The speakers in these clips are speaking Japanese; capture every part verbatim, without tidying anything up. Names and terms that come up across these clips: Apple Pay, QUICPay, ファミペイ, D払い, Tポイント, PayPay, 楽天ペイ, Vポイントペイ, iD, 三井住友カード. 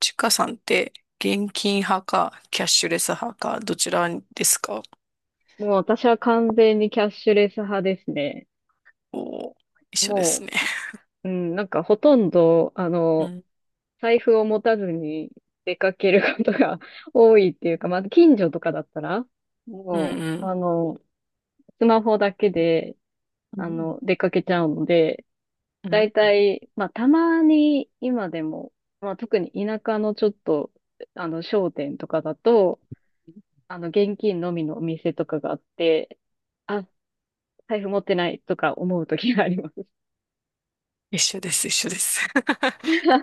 ちかさんって現金派かキャッシュレス派かどちらですか？もう私は完全にキャッシュレス派ですね。おー、一緒ですもね。う、うん、なんかほとんど、あうの、ん、財布を持たずに出かけることが 多いっていうか、まあ、近所とかだったら、うもう、ん、あの、スマホだけで、うあん、うの、ん出かけちゃうので、うだん。いたい、まあ、たまに今でも、まあ、特に田舎のちょっと、あの、商店とかだと、あの、現金のみのお店とかがあって、あ、財布持ってないとか思う時があります。一緒です、一緒です。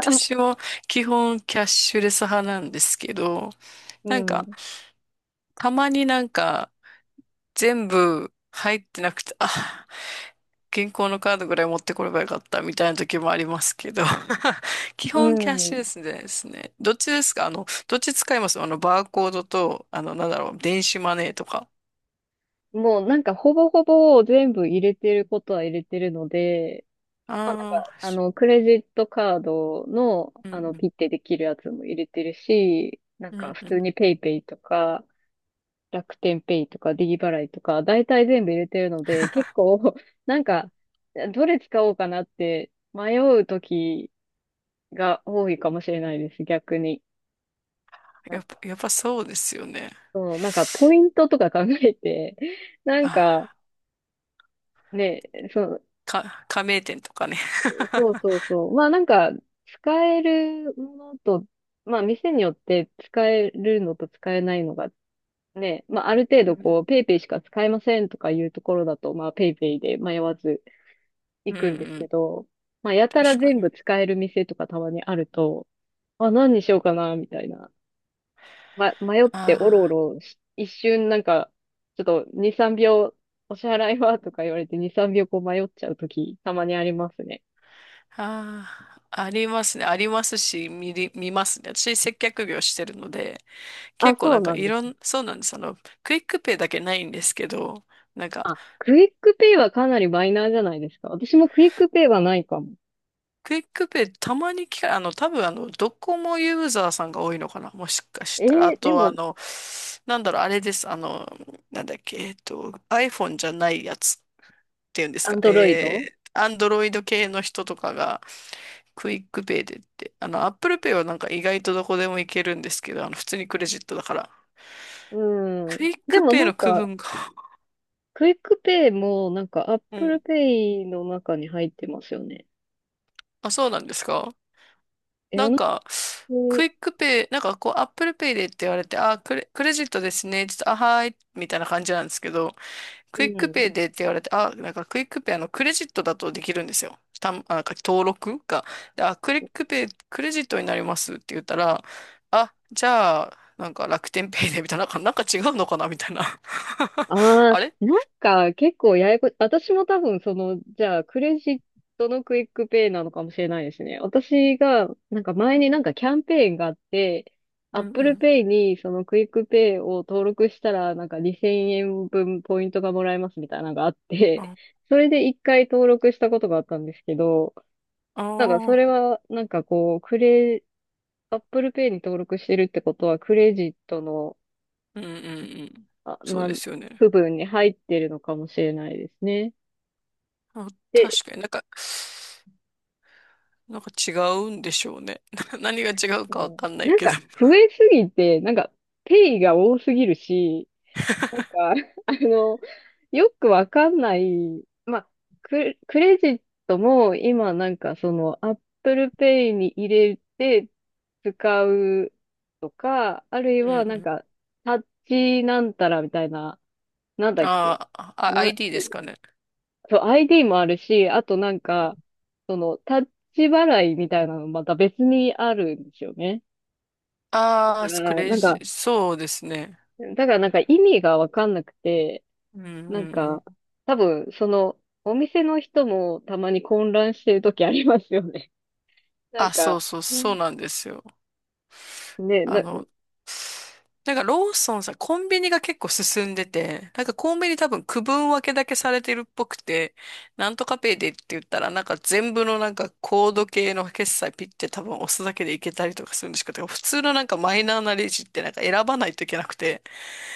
私も基本キャッシュレス派なんですけど、うなんか、ん。たまになんか、全部入ってなくて、あ、銀行のカードぐらい持ってこればよかったみたいな時もありますけど、基う本キャッシュん。レスですね。どっちですかあの、どっち使いますあの、バーコードと、あの、なんだろう、電子マネーとか。もうなんかほぼほぼ全部入れてることは入れてるので、まあなんかああ、あし。のクレジットカードのうあのんピッてできるやつも入れてるし、なんうん、うかん普う通ん。にペイペイとか楽天ペイとか D 払いとか大体全部入れてるので、結構 なんかどれ使おうかなって迷う時が多いかもしれないです、逆に。なやんっぱ、か、やっぱそうですよね。そう、なんかポイントとか考えて、なんか、あね、そうー、か、加盟店とかね。そう そうそう。まあなんか、使えるものと、まあ店によって使えるのと使えないのがね、まあある程う度ん、こう、ペイペイしか使えませんとかいうところだと、まあペイペイで迷わず う行ん、うくんですんうけん。ど、まあやたら確か全に。部使える店とかたまにあると、あ、何にしようかな、みたいな。ま、迷っておろおああ。ろし、一瞬なんか、ちょっとに、さんびょう、お支払いはとか言われてに、さんびょうこう迷っちゃうとき、たまにありますね。ああ、ありますね。ありますし、見り、見ますね。私、接客業してるので、あ、結構そなうんかなんいです。ろん、そうなんです。あの、クイックペイだけないんですけど、なんか、あ、クイックペイはかなりマイナーじゃないですか。私もクイックペイはないかも。クイックペイたまに聞か、あの、多分あの、ドコモユーザーさんが多いのかな。もしかしえたら。あー、でとはあも、の、なんだろう、あれです。あの、なんだっけ、えっと、iPhone じゃないやつ。ていうんですアンか、ドロイえド、ー、アンドロイド系の人とかが、クイックペイでって、あの、アップルペイはなんか意外とどこでもいけるんですけど、あの、普通にクレジットだから。うクん。イッでクもペイなんの区か、分が、クイックペイもなんか、アッ うプルん。ペイの中に入ってますよね。あ、そうなんですか。え、あなんの、か、クうイックペイ、なんかこう、アップルペイでって言われて、あ、クレ、クレジットですね。ちょっと、あ、はーい。みたいな感じなんですけど、クイックペん。イでって言われて、あ、なんかクイックペイ、あの、クレジットだとできるんですよ。たん、あ、なんか登録が。であ、クイックペイ、クレジットになりますって言ったら、あ、じゃあ、なんか楽天ペイでみたいな、なんかなんか違うのかなみたいな。あああ、れ。なんか結構ややこ、私も多分その、じゃあクレジットのクイックペイなのかもしれないですね。私が、なんか前になんかキャンペーンがあって、う Apple ん Pay にそのクイックペイを登録したらなんかにせんえんぶんポイントがもらえますみたいなのがあっうん。て、あそれで一回登録したことがあったんですけど、なんかそれあはなんかこう、クレ、Apple Pay に登録してるってことはクレジットのー、うんうんうん。あそうでなすよね。部分に入ってるのかもしれないですね。あ、で、確かになんか、なんか違うんでしょうね。何が違うかわもかんなういなんけど。か増えすぎて、なんかペイが多すぎるし、なん か、あの、よくわかんない、まあ、ク、クレジットも今なんかその Apple Pay に入れて使うとか、あるいうんうはなんん。かタッチなんたらみたいな、なん だっけ、あーあ、な、アイディー ですかね。そう、アイディー もあるし、あとなんか、その、タッチ払いみたいなのまた別にあるんですよね。だかああ、クら、レなんジ、か、そうですね。だからなんか意味がわかんなくて、うんうんなんうん。か、多分、その、お店の人もたまに混乱してる時ありますよね。なんあ、そか、うそう、うそんうなんですよ。ね、あな、の、なんかローソンさん、コンビニが結構進んでて、なんかコンビニ多分区分分けだけされてるっぽくて、なんとかペイでって言ったら、なんか全部のなんかコード系の決済ピッて多分押すだけでいけたりとかするんですけど、普通のなんかマイナーなレジってなんか選ばないといけなくて、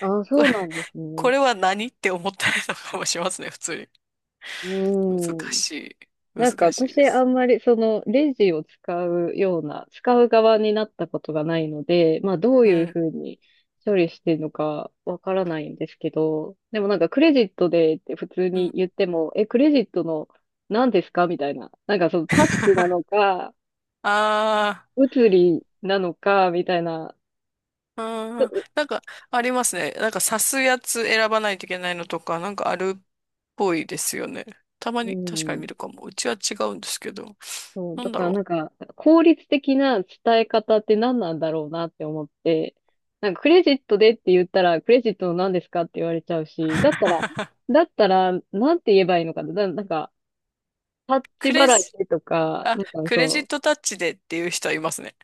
あ、こそうれ、なん ですこね。れは何って思ったりとかもしますね、普通に。う難ーん。しい。なんか難しいで私あんす。まりそのレジを使うような、使う側になったことがないので、まあどうういうん。ふうに処理してるのかわからないんですけど、でもなんかクレジットでって普通うにん。言っても、え、クレジットの何ですかみたいな。なんかそのタッチなの か、ああ。物理なのか、みたいな。あー、なんか、ありますね。なんか、刺すやつ選ばないといけないのとか、なんかあるっぽいですよね。たまうに、確かに見ん。るかも。うちは違うんですけど。そう、なだんだからろなう。んか、効率的な伝え方って何なんだろうなって思って、なんかクレジットでって言ったら、クレジットの何ですかって言われちゃうし、だったら、だったら、なんて言えばいいのかな、な、なんか、タッチクレ払いジ、でとか、あ、なんかクレジッそトタッチでっていう人はいますね。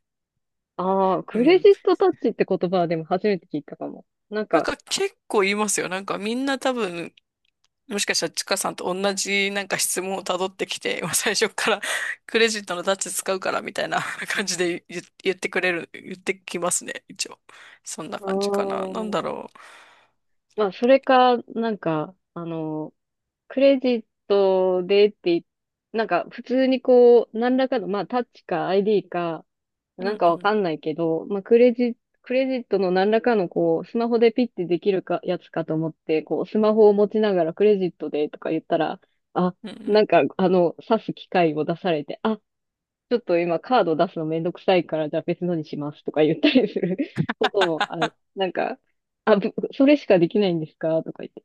う、ああ、うクレん。ジットタッチって言葉はでも初めて聞いたかも。なんなんか、か結構言いますよ。なんかみんな多分、もしかしたらちかさんと同じなんか質問をたどってきて、もう最初から クレジットのタッチ使うからみたいな 感じで言、言ってくれる、言ってきますね、一応。そんなあ感じかな。なんだあ、ろう。まあ、それか、なんか、あの、クレジットでって、なんか、普通にこう、何らかの、まあ、タッチか アイディー か、うなんんかうわかん。んないけど、まあ、クレジ、クレジットの何らかのこう、スマホでピッてできるか、やつかと思って、こう、スマホを持ちながらクレジットでとか言ったら、あ、うんうなん。んか、あの、指す機械を出されて、あ、ちょっと今カード出すのめんどくさいから、じゃあ別のにしますとか言ったりする こともある。なんか、あ、ぶそれしかできないんですかとか言って。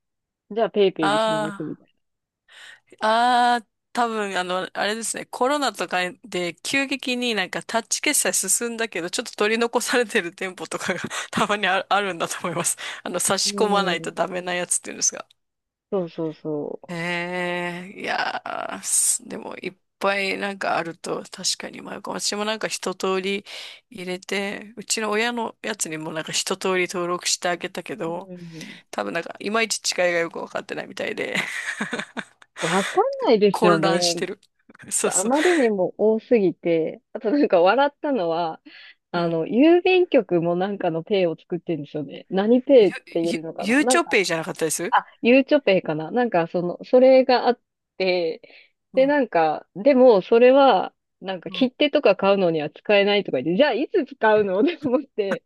じゃあペイペイにしますみあたいあ、ああ、多分、あの、あれですね、コロナとかで急激になんかタッチ決済進んだけど、ちょっと取り残されてる店舗とかが たまにあ、あるんだと思います。あの、差な。しう込まないとダん。メなやつっていうんですが。そうそうそへえ、いやー、すでもいっぱいなんかあると確かに迷うかも。私もなんか一通り入れて、うちの親のやつにもなんか一通り登録してあげたけう。うど、ん。多分なんかいまいち違いがよくわかってないみたいで。わかんないですよ混乱しね。てる。そうとあそう。まりにも多すぎて、あとなんか笑ったのは、うあん。の、郵便局もなんかのペイを作ってるんですよね。何ペゆ、イっていゆ、うのかなゆうなちんょか、ペイじゃなかったです。あ、ゆうちょペイかななんかその、それがあって、うでん。なんか、でもそれは、なんかうん。切手とか買うのには使えないとか言って、じゃあいつ使うの って思って、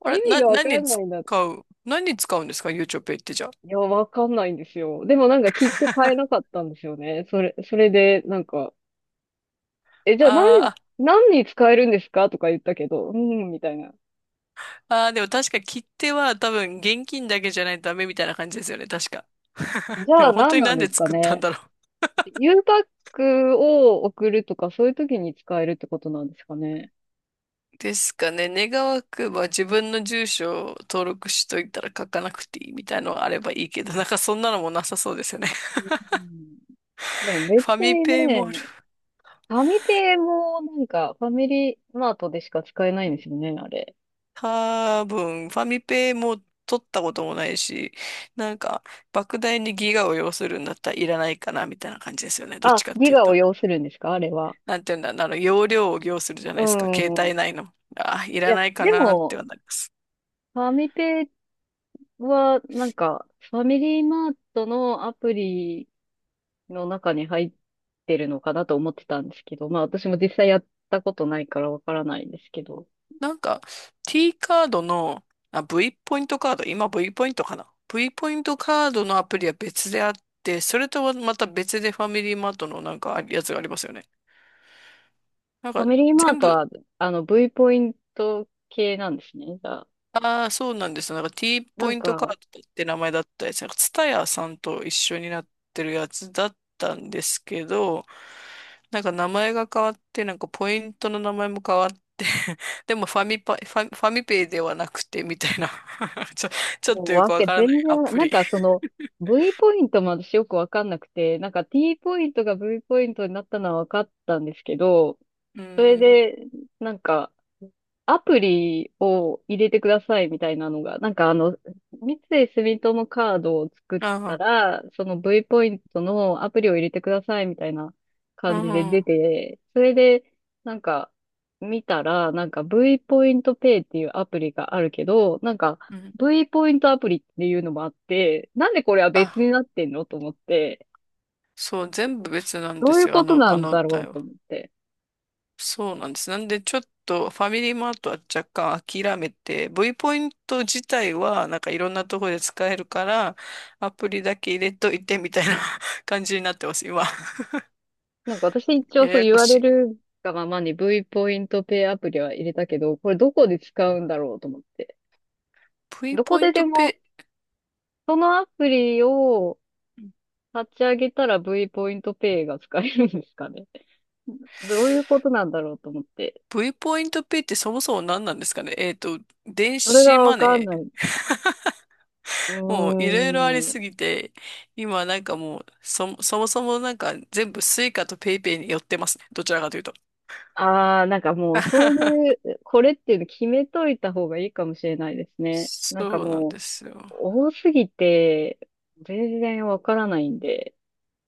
あれ、意味な、がわか何にん使ないなって。う、何に使うんですかゆうちょペイってじゃあ。いや、わかんないんですよ。でもなんか切手買えなか ったんですよね。それ、それでなんか、え、じゃあ何、あー何に使えるんですかとか言ったけど、うん、みたいな。あー、でも確か切手は多分現金だけじゃないとダメみたいな感じですよね。確か。じでゃあも本当何にななんんでですか作ったんね。だろう。U パックを送るとか、そういう時に使えるってことなんですかね。ですかね。願わくば自分の住所を登録しといたら書かなくていいみたいのがあればいいけど、なんかそんなのもなさそうですよね。うん、でも 別ファミにペイね、もある。ファミペイもなんか、ファミリーマートでしか使えないんですよね、あれ。多分、ファミペも取ったこともないし、なんか、莫大にギガを要するんだったらいらないかな、みたいな感じですよね。どっちあ、かっギていうガをと。要するんですかあれは。なんていうんだ、あの、容量を要するじゃなういですか。携ん。帯内の。あ、いいらや、ないかでなっも、てはなります。ファミペイは、なんか、ファミリーマートのアプリの中に入ってるのかなと思ってたんですけど、まあ私も実際やったことないからわからないんですけど、なんか、T カードの、あ、V ポイントカード、今 V ポイントかな。V ポイントカードのアプリは別であって、それとはまた別でファミリーマートのなんかやつがありますよね。なんファか、ミリーマー全ト部は、あの、V ポイント系なんですね。じゃあ、ああ、そうなんですよ。なんか T なポんイントカーか、ドって名前だったやつ。なんか TSUTAYA さんと一緒になってるやつだったんですけど、なんか名前が変わって、なんかポイントの名前も変わって、でもファミパ、ファ、ファミペイではなくて、みたいな ちょ、ちょっもうとよわくわけ、からない全然アわ、プなんリ。かその、V ポイントも私よくわかんなくて、なんか T ポイントが V ポイントになったのはわかったんですけど、うそれん。で、なんか、アプリを入れてくださいみたいなのが、なんかあの、三井住友カードを作ったあら、その V ポイントのアプリを入れてくださいみたいな感じであ、う出ん。て、それで、なんか、見たら、なんか V ポイントペイっていうアプリがあるけど、なんか うん。V ポイントアプリっていうのもあって、なんでこれは別にあ、なってんのと思って、そう、全部別なんどでういうすよ。あことの、なあんのだろう対応。と思って。そうなんです。なんで、ちょっとファミリーマートは若干諦めて、V ポイント自体はなんかいろんなところで使えるから、アプリだけ入れといてみたいな 感じになってます、今。なんか私一応やそうや言こわしれい。るがままに V ポイントペイアプリは入れたけど、これどこで使うんだろうと思って。V どこポインででトも、ペそのアプリを立ち上げたら V ポイントペイが使えるんですかね。どういうことなんだろうと思って。イ、V ポイントペイってそもそも何なんですかねえっと、電それ子がわマかんネない。ー。うーもういろいろありん。すぎて、今なんかもう、そ、そもそもなんか全部スイカとペイペイに寄ってますね。どちらかというと。ああ、なんかもうそうい う、これっていうの決めといた方がいいかもしれないですね。なんかそうなんもう、ですよ。多すぎて、全然わからないんで。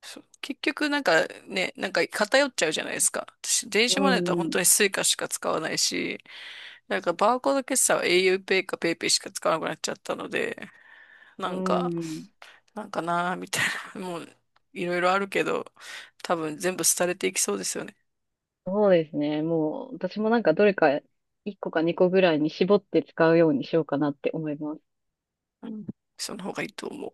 そう結局なんかね、なんか偏っちゃうじゃないですか。私、電う子マネーだって本ん。当にスイカしか使わないし、なんかバーコード決済は a u ペイか PayPay しか使わなくなっちゃったので、うなんか、ん。なんかなーみたいな、もういろいろあるけど、多分全部廃れていきそうですよね。そうですね。もう、私もなんかどれかいっこかにこぐらいに絞って使うようにしようかなって思います。うん。その方がいいと思う。